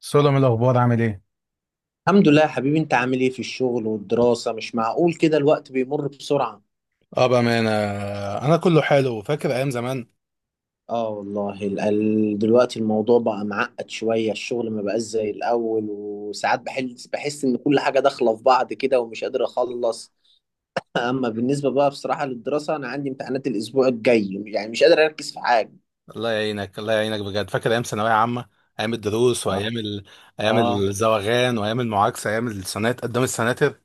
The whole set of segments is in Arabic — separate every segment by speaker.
Speaker 1: سولو الاخبار عامل ايه؟
Speaker 2: الحمد لله يا حبيبي، انت عامل ايه في الشغل والدراسة؟ مش معقول كده الوقت بيمر بسرعة.
Speaker 1: اه، بأمانة. أنا كله حلو، فاكر أيام زمان.
Speaker 2: اه والله، دلوقتي الموضوع بقى معقد شوية، الشغل ما بقاش زي الأول وساعات بحس ان كل حاجة داخلة في بعض كده ومش قادر اخلص. اما بالنسبة بقى بصراحة للدراسة، انا عندي امتحانات الاسبوع الجاي، يعني مش قادر اركز في حاجة.
Speaker 1: الله يعينك بجد، فاكر أيام ثانوية عامة، أيام الدروس
Speaker 2: اه.
Speaker 1: وأيام أيام
Speaker 2: اه،
Speaker 1: الزواغان وأيام المعاكسة، أيام السنات قدام السناتر.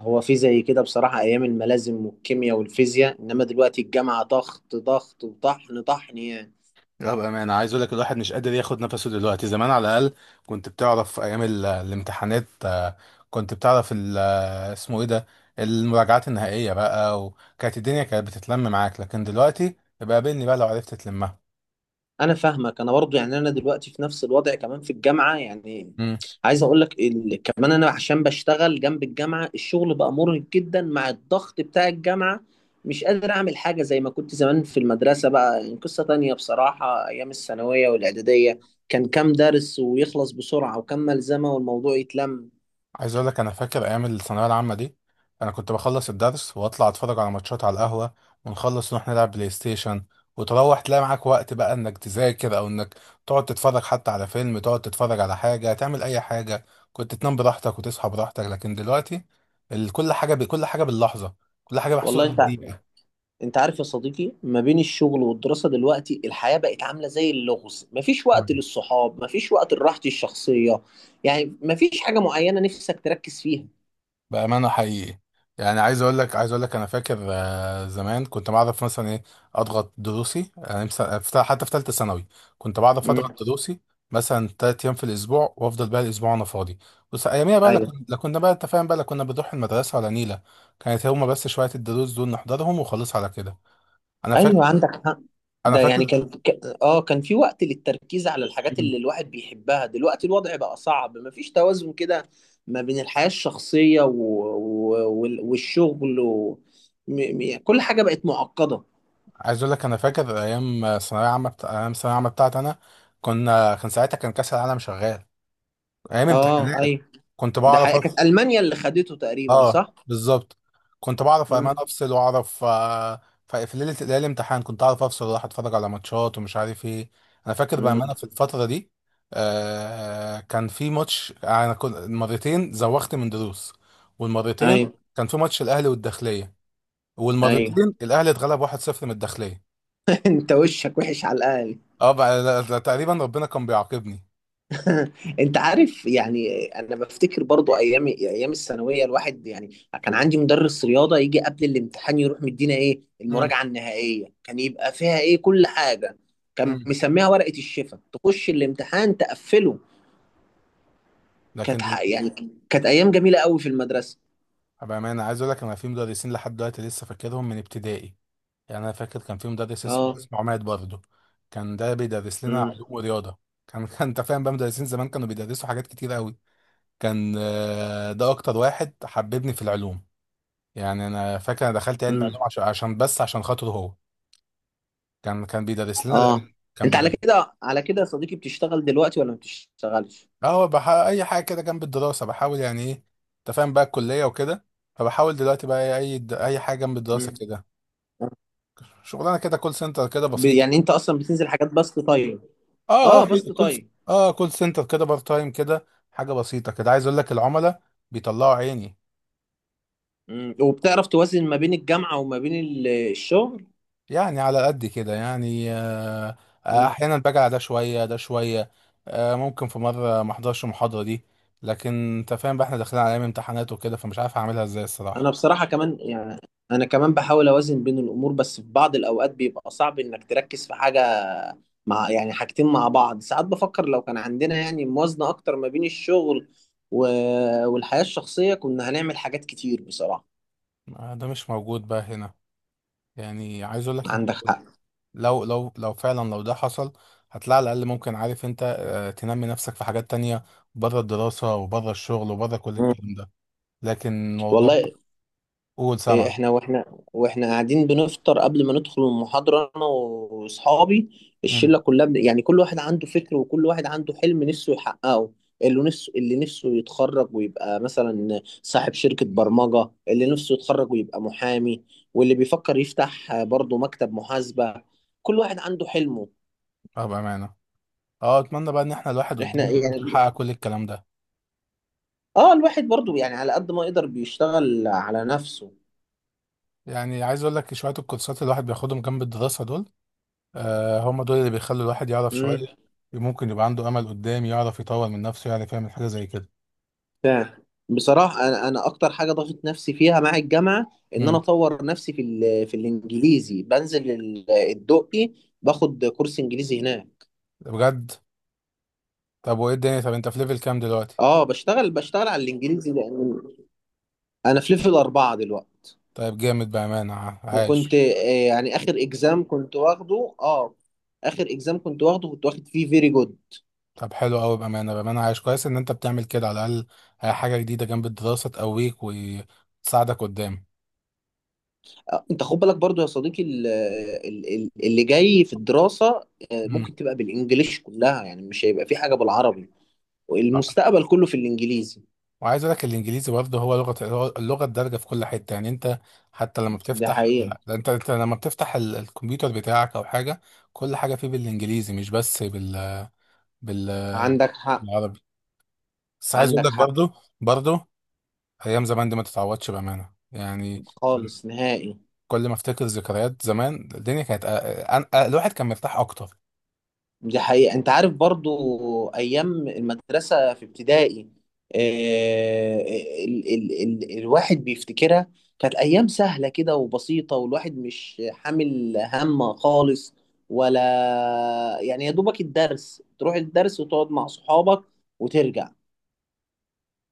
Speaker 2: هو في زي كده بصراحة ايام الملازم والكيمياء والفيزياء، انما دلوقتي الجامعة ضغط ضغط وطحن طحن يعني.
Speaker 1: لا بأمانة، عايز أقول لك الواحد مش قادر ياخد نفسه دلوقتي. زمان على الأقل كنت بتعرف أيام الامتحانات، كنت بتعرف ال... آه، اسمه إيه ده، المراجعات النهائية بقى، وكانت الدنيا كانت بتتلم معاك، لكن دلوقتي يبقى قابلني بقى لو عرفت تلمها.
Speaker 2: انا فاهمك، انا برضو يعني انا دلوقتي في نفس الوضع كمان في الجامعه يعني. عايز اقول لك كمان انا عشان بشتغل جنب الجامعه، الشغل بقى مرهق جدا مع الضغط بتاع الجامعه. مش قادر اعمل حاجه زي ما كنت زمان في المدرسه، بقى يعني قصه تانية بصراحه. ايام الثانويه والاعداديه كان كام درس ويخلص بسرعه وكام ملزمه والموضوع يتلم.
Speaker 1: عايز اقول لك انا فاكر ايام الثانويه العامه دي. انا كنت بخلص الدرس واطلع اتفرج على ماتشات على القهوه، ونخلص نروح نلعب بلاي ستيشن، وتروح تلاقي معاك وقت بقى انك تذاكر، او انك تقعد تتفرج حتى على فيلم، تقعد تتفرج على حاجه، تعمل اي حاجه. كنت تنام براحتك وتصحى براحتك، لكن دلوقتي كل حاجه كل حاجه باللحظه، كل حاجه
Speaker 2: والله
Speaker 1: محسوبه
Speaker 2: انت،
Speaker 1: بالدقيقه.
Speaker 2: انت عارف يا صديقي، ما بين الشغل والدراسة دلوقتي الحياة بقت عاملة زي اللغز، مفيش وقت
Speaker 1: تمام.
Speaker 2: للصحاب، مفيش وقت لراحتي الشخصية. يعني مفيش حاجة معينة نفسك تركز فيها.
Speaker 1: بأمانة حقيقي، يعني عايز اقول لك انا فاكر، زمان كنت بعرف مثلا ايه، اضغط دروسي، يعني مثلا حتى في ثالثه ثانوي كنت بعرف اضغط
Speaker 2: امم.
Speaker 1: دروسي، مثلا ثلاث ايام في الاسبوع، وافضل بقى الاسبوع انا فاضي. بس اياميها بقى
Speaker 2: ايوه.
Speaker 1: لا كنا بقى انت فاهم بقى، لا كنا بنروح المدرسه ولا نيله، كانت هما بس شويه الدروس دول نحضرهم وخلاص على كده. انا فاكر
Speaker 2: ايوه عندك حق.
Speaker 1: انا
Speaker 2: ده يعني
Speaker 1: فاكر
Speaker 2: كان كان في وقت للتركيز على الحاجات
Speaker 1: مم.
Speaker 2: اللي الواحد بيحبها، دلوقتي الوضع بقى صعب، مفيش توازن كده. ما بين الحياة الشخصية و والشغل و... م... كل حاجة بقت معقدة.
Speaker 1: عايز اقول لك انا فاكر ايام ثانويه عامه بتاعتي انا، كنا كان ساعتها كان كاس العالم شغال، ايام
Speaker 2: اه
Speaker 1: امتحانات.
Speaker 2: ايوه.
Speaker 1: كنت
Speaker 2: ده
Speaker 1: بعرف،
Speaker 2: حقيقة كانت ألمانيا اللي خدته تقريبا،
Speaker 1: اه
Speaker 2: صح؟
Speaker 1: بالظبط، كنت بعرف امان
Speaker 2: مم.
Speaker 1: افصل واعرف، في ليله ليله الامتحان كنت اعرف افصل واروح اتفرج على ماتشات ومش عارف ايه. انا فاكر
Speaker 2: مم.
Speaker 1: بامانه في الفتره دي آه، كان في ماتش، انا كنت مرتين زوغت من دروس، والمرتين
Speaker 2: ايوه.
Speaker 1: كان في ماتش الاهلي والداخليه،
Speaker 2: ايوه.
Speaker 1: والمرتين الاهلي اتغلب 1-0 من الداخليه.
Speaker 2: انت وشك وحش على الاقل.
Speaker 1: اه بقى، تقريبا ربنا كان بيعاقبني.
Speaker 2: انت عارف يعني، انا بفتكر برضو ايام الثانويه، الواحد يعني كان عندي مدرس رياضه يجي قبل الامتحان يروح مدينا ايه
Speaker 1: امم.
Speaker 2: المراجعه النهائيه، كان يبقى فيها ايه كل حاجه. كان
Speaker 1: امم.
Speaker 2: مسميها ورقه الشفا، تخش الامتحان تقفله.
Speaker 1: لكن
Speaker 2: كانت ح- يعني كانت ايام جميله قوي في المدرسه.
Speaker 1: بامانه عايز اقول لك، انا في مدرسين لحد دلوقتي لسه فاكرهم من ابتدائي، يعني انا فاكر كان في مدرس اسمه
Speaker 2: اه.
Speaker 1: اسمه عماد برضه، كان ده بيدرس لنا
Speaker 2: امم.
Speaker 1: علوم ورياضه. كان كان انت فاهم بقى، مدرسين زمان كانوا بيدرسوا حاجات كتير قوي. كان، ده اكتر واحد حببني في العلوم، يعني انا فاكر انا دخلت علم
Speaker 2: امم.
Speaker 1: علوم عشان عشان بس عشان خاطره هو. كان بيدرس لنا العلوم،
Speaker 2: اه،
Speaker 1: كان
Speaker 2: انت على
Speaker 1: بيدرس.
Speaker 2: كده، على كده يا صديقي بتشتغل دلوقتي ولا ما بتشتغلش؟
Speaker 1: اه هو اي حاجه كده جنب الدراسه بحاول يعني ايه، انت فاهم بقى الكليه وكده، فبحاول دلوقتي بقى اي اي حاجه جنب الدراسه
Speaker 2: امم.
Speaker 1: كده، شغلانه كده كول سنتر كده بسيط.
Speaker 2: يعني انت اصلا بتنزل حاجات بسط طيب؟
Speaker 1: اه اه
Speaker 2: اه، بسط طيب.
Speaker 1: اه كول سنتر كده، بار تايم كده، حاجه بسيطه كده. عايز اقول لك العملاء بيطلعوا عيني
Speaker 2: مم. وبتعرف توازن ما بين الجامعة وما بين الشغل؟
Speaker 1: يعني، على قد كده يعني آه. آه،
Speaker 2: مم.
Speaker 1: احيانا باجي على ده شويه ده شويه، آه ممكن في مره ما احضرش المحاضره دي، لكن انت فاهم بقى احنا داخلين على ايام امتحانات وكده، فمش عارف اعملها ازاي
Speaker 2: انا
Speaker 1: الصراحه.
Speaker 2: بصراحة كمان يعني، انا كمان بحاول اوازن بين الامور، بس في بعض الاوقات بيبقى صعب انك تركز في حاجة، مع يعني حاجتين مع بعض. ساعات بفكر لو كان عندنا يعني موازنة اكتر ما بين الشغل و... والحياة الشخصية، كنا هنعمل حاجات كتير بصراحة.
Speaker 1: آه ده مش موجود بقى هنا، يعني عايز اقول لك انت،
Speaker 2: عندك حق.
Speaker 1: لو لو لو فعلا لو ده حصل هتلاقي على الاقل، ممكن عارف انت تنمي نفسك في حاجات تانية، بره الدراسه وبره الشغل وبره كل
Speaker 2: مم.
Speaker 1: الكلام ده، لكن موضوع.
Speaker 2: والله.
Speaker 1: قول،
Speaker 2: إيه،
Speaker 1: سمع.
Speaker 2: احنا واحنا واحنا قاعدين بنفطر قبل ما ندخل المحاضرة انا واصحابي،
Speaker 1: امم.
Speaker 2: الشلة كلها يعني كل واحد عنده فكر وكل واحد عنده حلم نفسه يحققه. اللي نفسه يتخرج ويبقى مثلا صاحب شركة برمجة، اللي نفسه يتخرج ويبقى محامي، واللي بيفكر يفتح برضه مكتب محاسبة. كل واحد عنده حلمه.
Speaker 1: اه بامانه، اه اتمنى بقى ان احنا الواحد
Speaker 2: احنا
Speaker 1: قدام يعرف
Speaker 2: يعني،
Speaker 1: يحقق كل الكلام ده.
Speaker 2: اه الواحد برضه يعني على قد ما يقدر بيشتغل على نفسه.
Speaker 1: يعني عايز اقول لك شويه الكورسات اللي الواحد بياخدهم جنب الدراسه دول، آه هم دول اللي بيخلوا الواحد يعرف شويه، ممكن يبقى عنده امل قدام يعرف يطور من نفسه، يعرف يعمل حاجه زي كده.
Speaker 2: فعلا. بصراحة أنا أكتر حاجة ضغط نفسي فيها مع الجامعة، إن أنا
Speaker 1: امم.
Speaker 2: أطور نفسي في الإنجليزي. بنزل الدقي باخد كورس إنجليزي هناك.
Speaker 1: بجد؟ طب وايه الدنيا، طب انت في ليفل كام دلوقتي؟
Speaker 2: أه، بشتغل على الإنجليزي، لأن أنا في ليفل أربعة دلوقتي.
Speaker 1: طيب جامد بامانه،
Speaker 2: وكنت
Speaker 1: عايش.
Speaker 2: يعني آخر إكزام كنت واخده، أه آخر إكزام كنت واخده كنت واخد فيه فيري جود.
Speaker 1: طب حلو قوي بامانه، بامانه عايش كويس ان انت بتعمل كده، على الاقل حاجه جديده جنب الدراسه تقويك وتساعدك قدام.
Speaker 2: أنت خد بالك برضو يا صديقي اللي جاي في الدراسة
Speaker 1: امم.
Speaker 2: ممكن تبقى بالإنجليش كلها، يعني مش هيبقى في حاجة بالعربي. المستقبل كله في الانجليزي.
Speaker 1: وعايز اقول لك الانجليزي برضه هو لغه، اللغه الدارجه في كل حته، يعني انت حتى لما
Speaker 2: ده
Speaker 1: بتفتح،
Speaker 2: حقيقة.
Speaker 1: انت انت لما بتفتح الكمبيوتر بتاعك او حاجه، كل حاجه فيه بالانجليزي، مش بس بال
Speaker 2: عندك حق.
Speaker 1: بالعربي. بس عايز اقول
Speaker 2: عندك
Speaker 1: لك
Speaker 2: حق.
Speaker 1: برضه، برضه ايام زمان دي ما تتعوضش بامانه يعني،
Speaker 2: خالص نهائي.
Speaker 1: كل ما افتكر ذكريات زمان، الدنيا كانت الواحد كان مرتاح اكتر.
Speaker 2: دي حقيقة، انت عارف برضو ايام المدرسة في ابتدائي، آه، ال الواحد بيفتكرها، كانت ايام سهلة كده وبسيطة والواحد مش حامل هم خالص، ولا يعني يا دوبك الدرس، تروح الدرس وتقعد مع صحابك وترجع.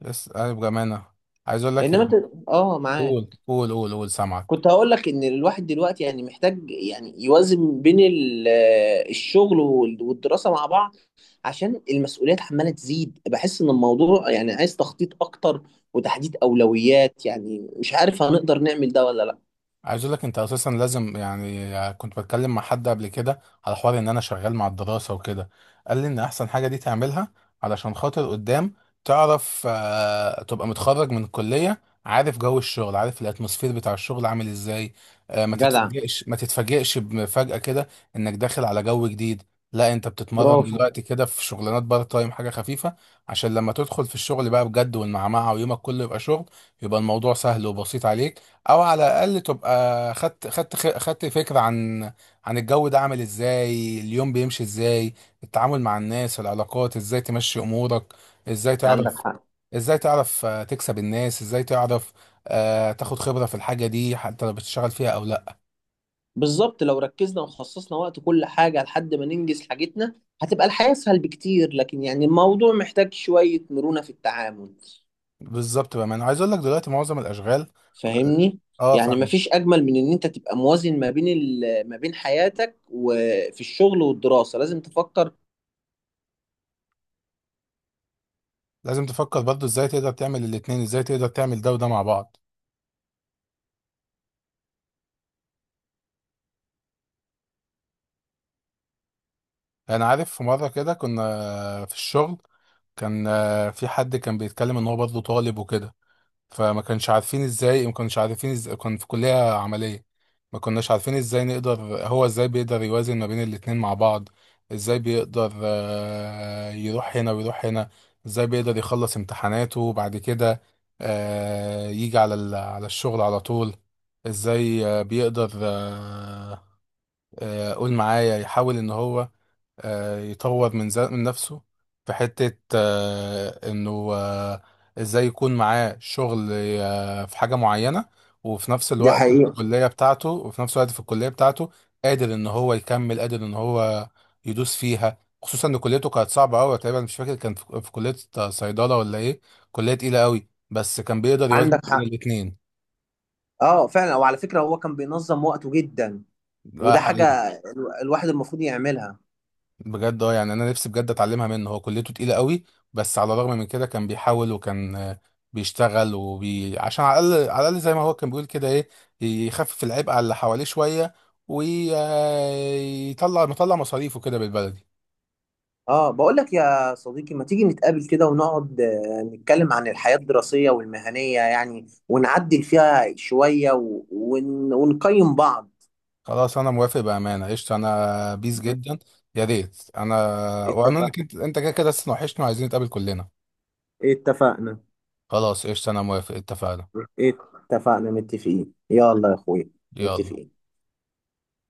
Speaker 1: بس انا بامانه عايز اقول لك
Speaker 2: انما انت.
Speaker 1: يعني،
Speaker 2: اه معاك.
Speaker 1: قول قول قول قول سامعك.
Speaker 2: كنت هقول لك ان الواحد دلوقتي يعني محتاج يعني يوازن بين الشغل والدراسة مع بعض، عشان المسؤوليات عمالة تزيد. بحس ان الموضوع يعني عايز تخطيط اكتر وتحديد اولويات، يعني مش عارف هنقدر نعمل ده ولا لا.
Speaker 1: عايز اقول لك انت اساسا لازم، يعني كنت بتكلم مع حد قبل كده على حوار ان انا شغال مع الدراسه وكده، قال لي ان احسن حاجه دي تعملها علشان خاطر قدام تعرف، تبقى متخرج من الكليه عارف جو الشغل، عارف الاتموسفير بتاع الشغل عامل ازاي، ما
Speaker 2: جدع.
Speaker 1: تتفاجئش ما تتفاجئش بمفاجاه كده انك داخل على جو جديد. لا انت بتتمرن
Speaker 2: برافو.
Speaker 1: دلوقتي كده في شغلانات بارت تايم، حاجه خفيفه، عشان لما تدخل في الشغل بقى بجد والمعمعه، ويومك كله يبقى شغل، يبقى الموضوع سهل وبسيط عليك. او على الاقل تبقى خدت فكره عن عن الجو ده عامل ازاي، اليوم بيمشي ازاي، التعامل مع الناس، العلاقات، ازاي تمشي امورك، ازاي
Speaker 2: عندك
Speaker 1: تعرف،
Speaker 2: حق.
Speaker 1: ازاي تعرف تكسب الناس، ازاي تعرف تاخد خبره في الحاجه دي، حتى لو بتشتغل فيها او لا.
Speaker 2: بالظبط، لو ركزنا وخصصنا وقت كل حاجة لحد ما ننجز حاجتنا هتبقى الحياة اسهل بكتير، لكن يعني الموضوع محتاج شوية مرونة في التعامل.
Speaker 1: بالظبط بقى، ما انا عايز اقول لك دلوقتي معظم الاشغال.
Speaker 2: فاهمني؟
Speaker 1: اه
Speaker 2: يعني
Speaker 1: فاهم.
Speaker 2: مفيش اجمل من ان انت تبقى موازن ما بين ما بين حياتك، وفي الشغل والدراسه لازم تفكر.
Speaker 1: لازم تفكر برضو ازاي تقدر تعمل الاتنين، ازاي تقدر تعمل ده وده مع بعض. انا عارف في مره كده كنا في الشغل، كان في حد كان بيتكلم ان هو برضه طالب وكده، فما كانش عارفين ازاي، ما كانش عارفين ازاي، كان في كلية عملية، ما كناش عارفين ازاي نقدر، هو ازاي بيقدر يوازن ما بين الاتنين مع بعض، ازاي بيقدر يروح هنا ويروح هنا، ازاي بيقدر يخلص امتحاناته وبعد كده يجي على على الشغل على طول، ازاي بيقدر قول معايا يحاول ان هو يطور من من نفسه في حتة انه ازاي يكون معاه شغل في حاجة معينة، وفي نفس
Speaker 2: دي
Speaker 1: الوقت في
Speaker 2: حقيقة.
Speaker 1: الكلية بتاعته، قادر ان هو يكمل، قادر ان هو يدوس فيها، خصوصا ان كليته كانت صعبة قوي، تقريبا مش فاكر كان في، في كلية صيدلة ولا ايه، كلية تقيلة قوي، بس كان بيقدر يوازن
Speaker 2: عندك
Speaker 1: بين
Speaker 2: حق.
Speaker 1: الاتنين.
Speaker 2: اه فعلا، وعلى فكره هو كان بينظم وقته جدا، وده حاجه
Speaker 1: حقيقي
Speaker 2: الواحد المفروض يعملها.
Speaker 1: بجد، اه يعني انا نفسي بجد اتعلمها منه، هو كليته تقيله قوي، بس على الرغم من كده كان بيحاول، وكان بيشتغل وبي عشان على الاقل، على الاقل زي ما هو كان بيقول كده ايه، يخفف العبء على اللي حواليه شويه، ويطلع، مطلع مصاريفه كده بالبلدي.
Speaker 2: اه، بقول لك يا صديقي، ما تيجي نتقابل كده ونقعد نتكلم عن الحياه الدراسيه والمهنيه يعني، ونعدل فيها شويه و ونقيم بعض.
Speaker 1: خلاص انا موافق بامانه، قشطه، انا بيس جدا، يا ريت انا، وانا
Speaker 2: اتفق.
Speaker 1: كنت انت كده كده لسه وحشنا وعايزين نتقابل كلنا.
Speaker 2: اتفقنا.
Speaker 1: خلاص قشطه، انا موافق، اتفقنا.
Speaker 2: اتفقنا، متفقين، يلا يا اخويا.
Speaker 1: يلا.
Speaker 2: متفقين.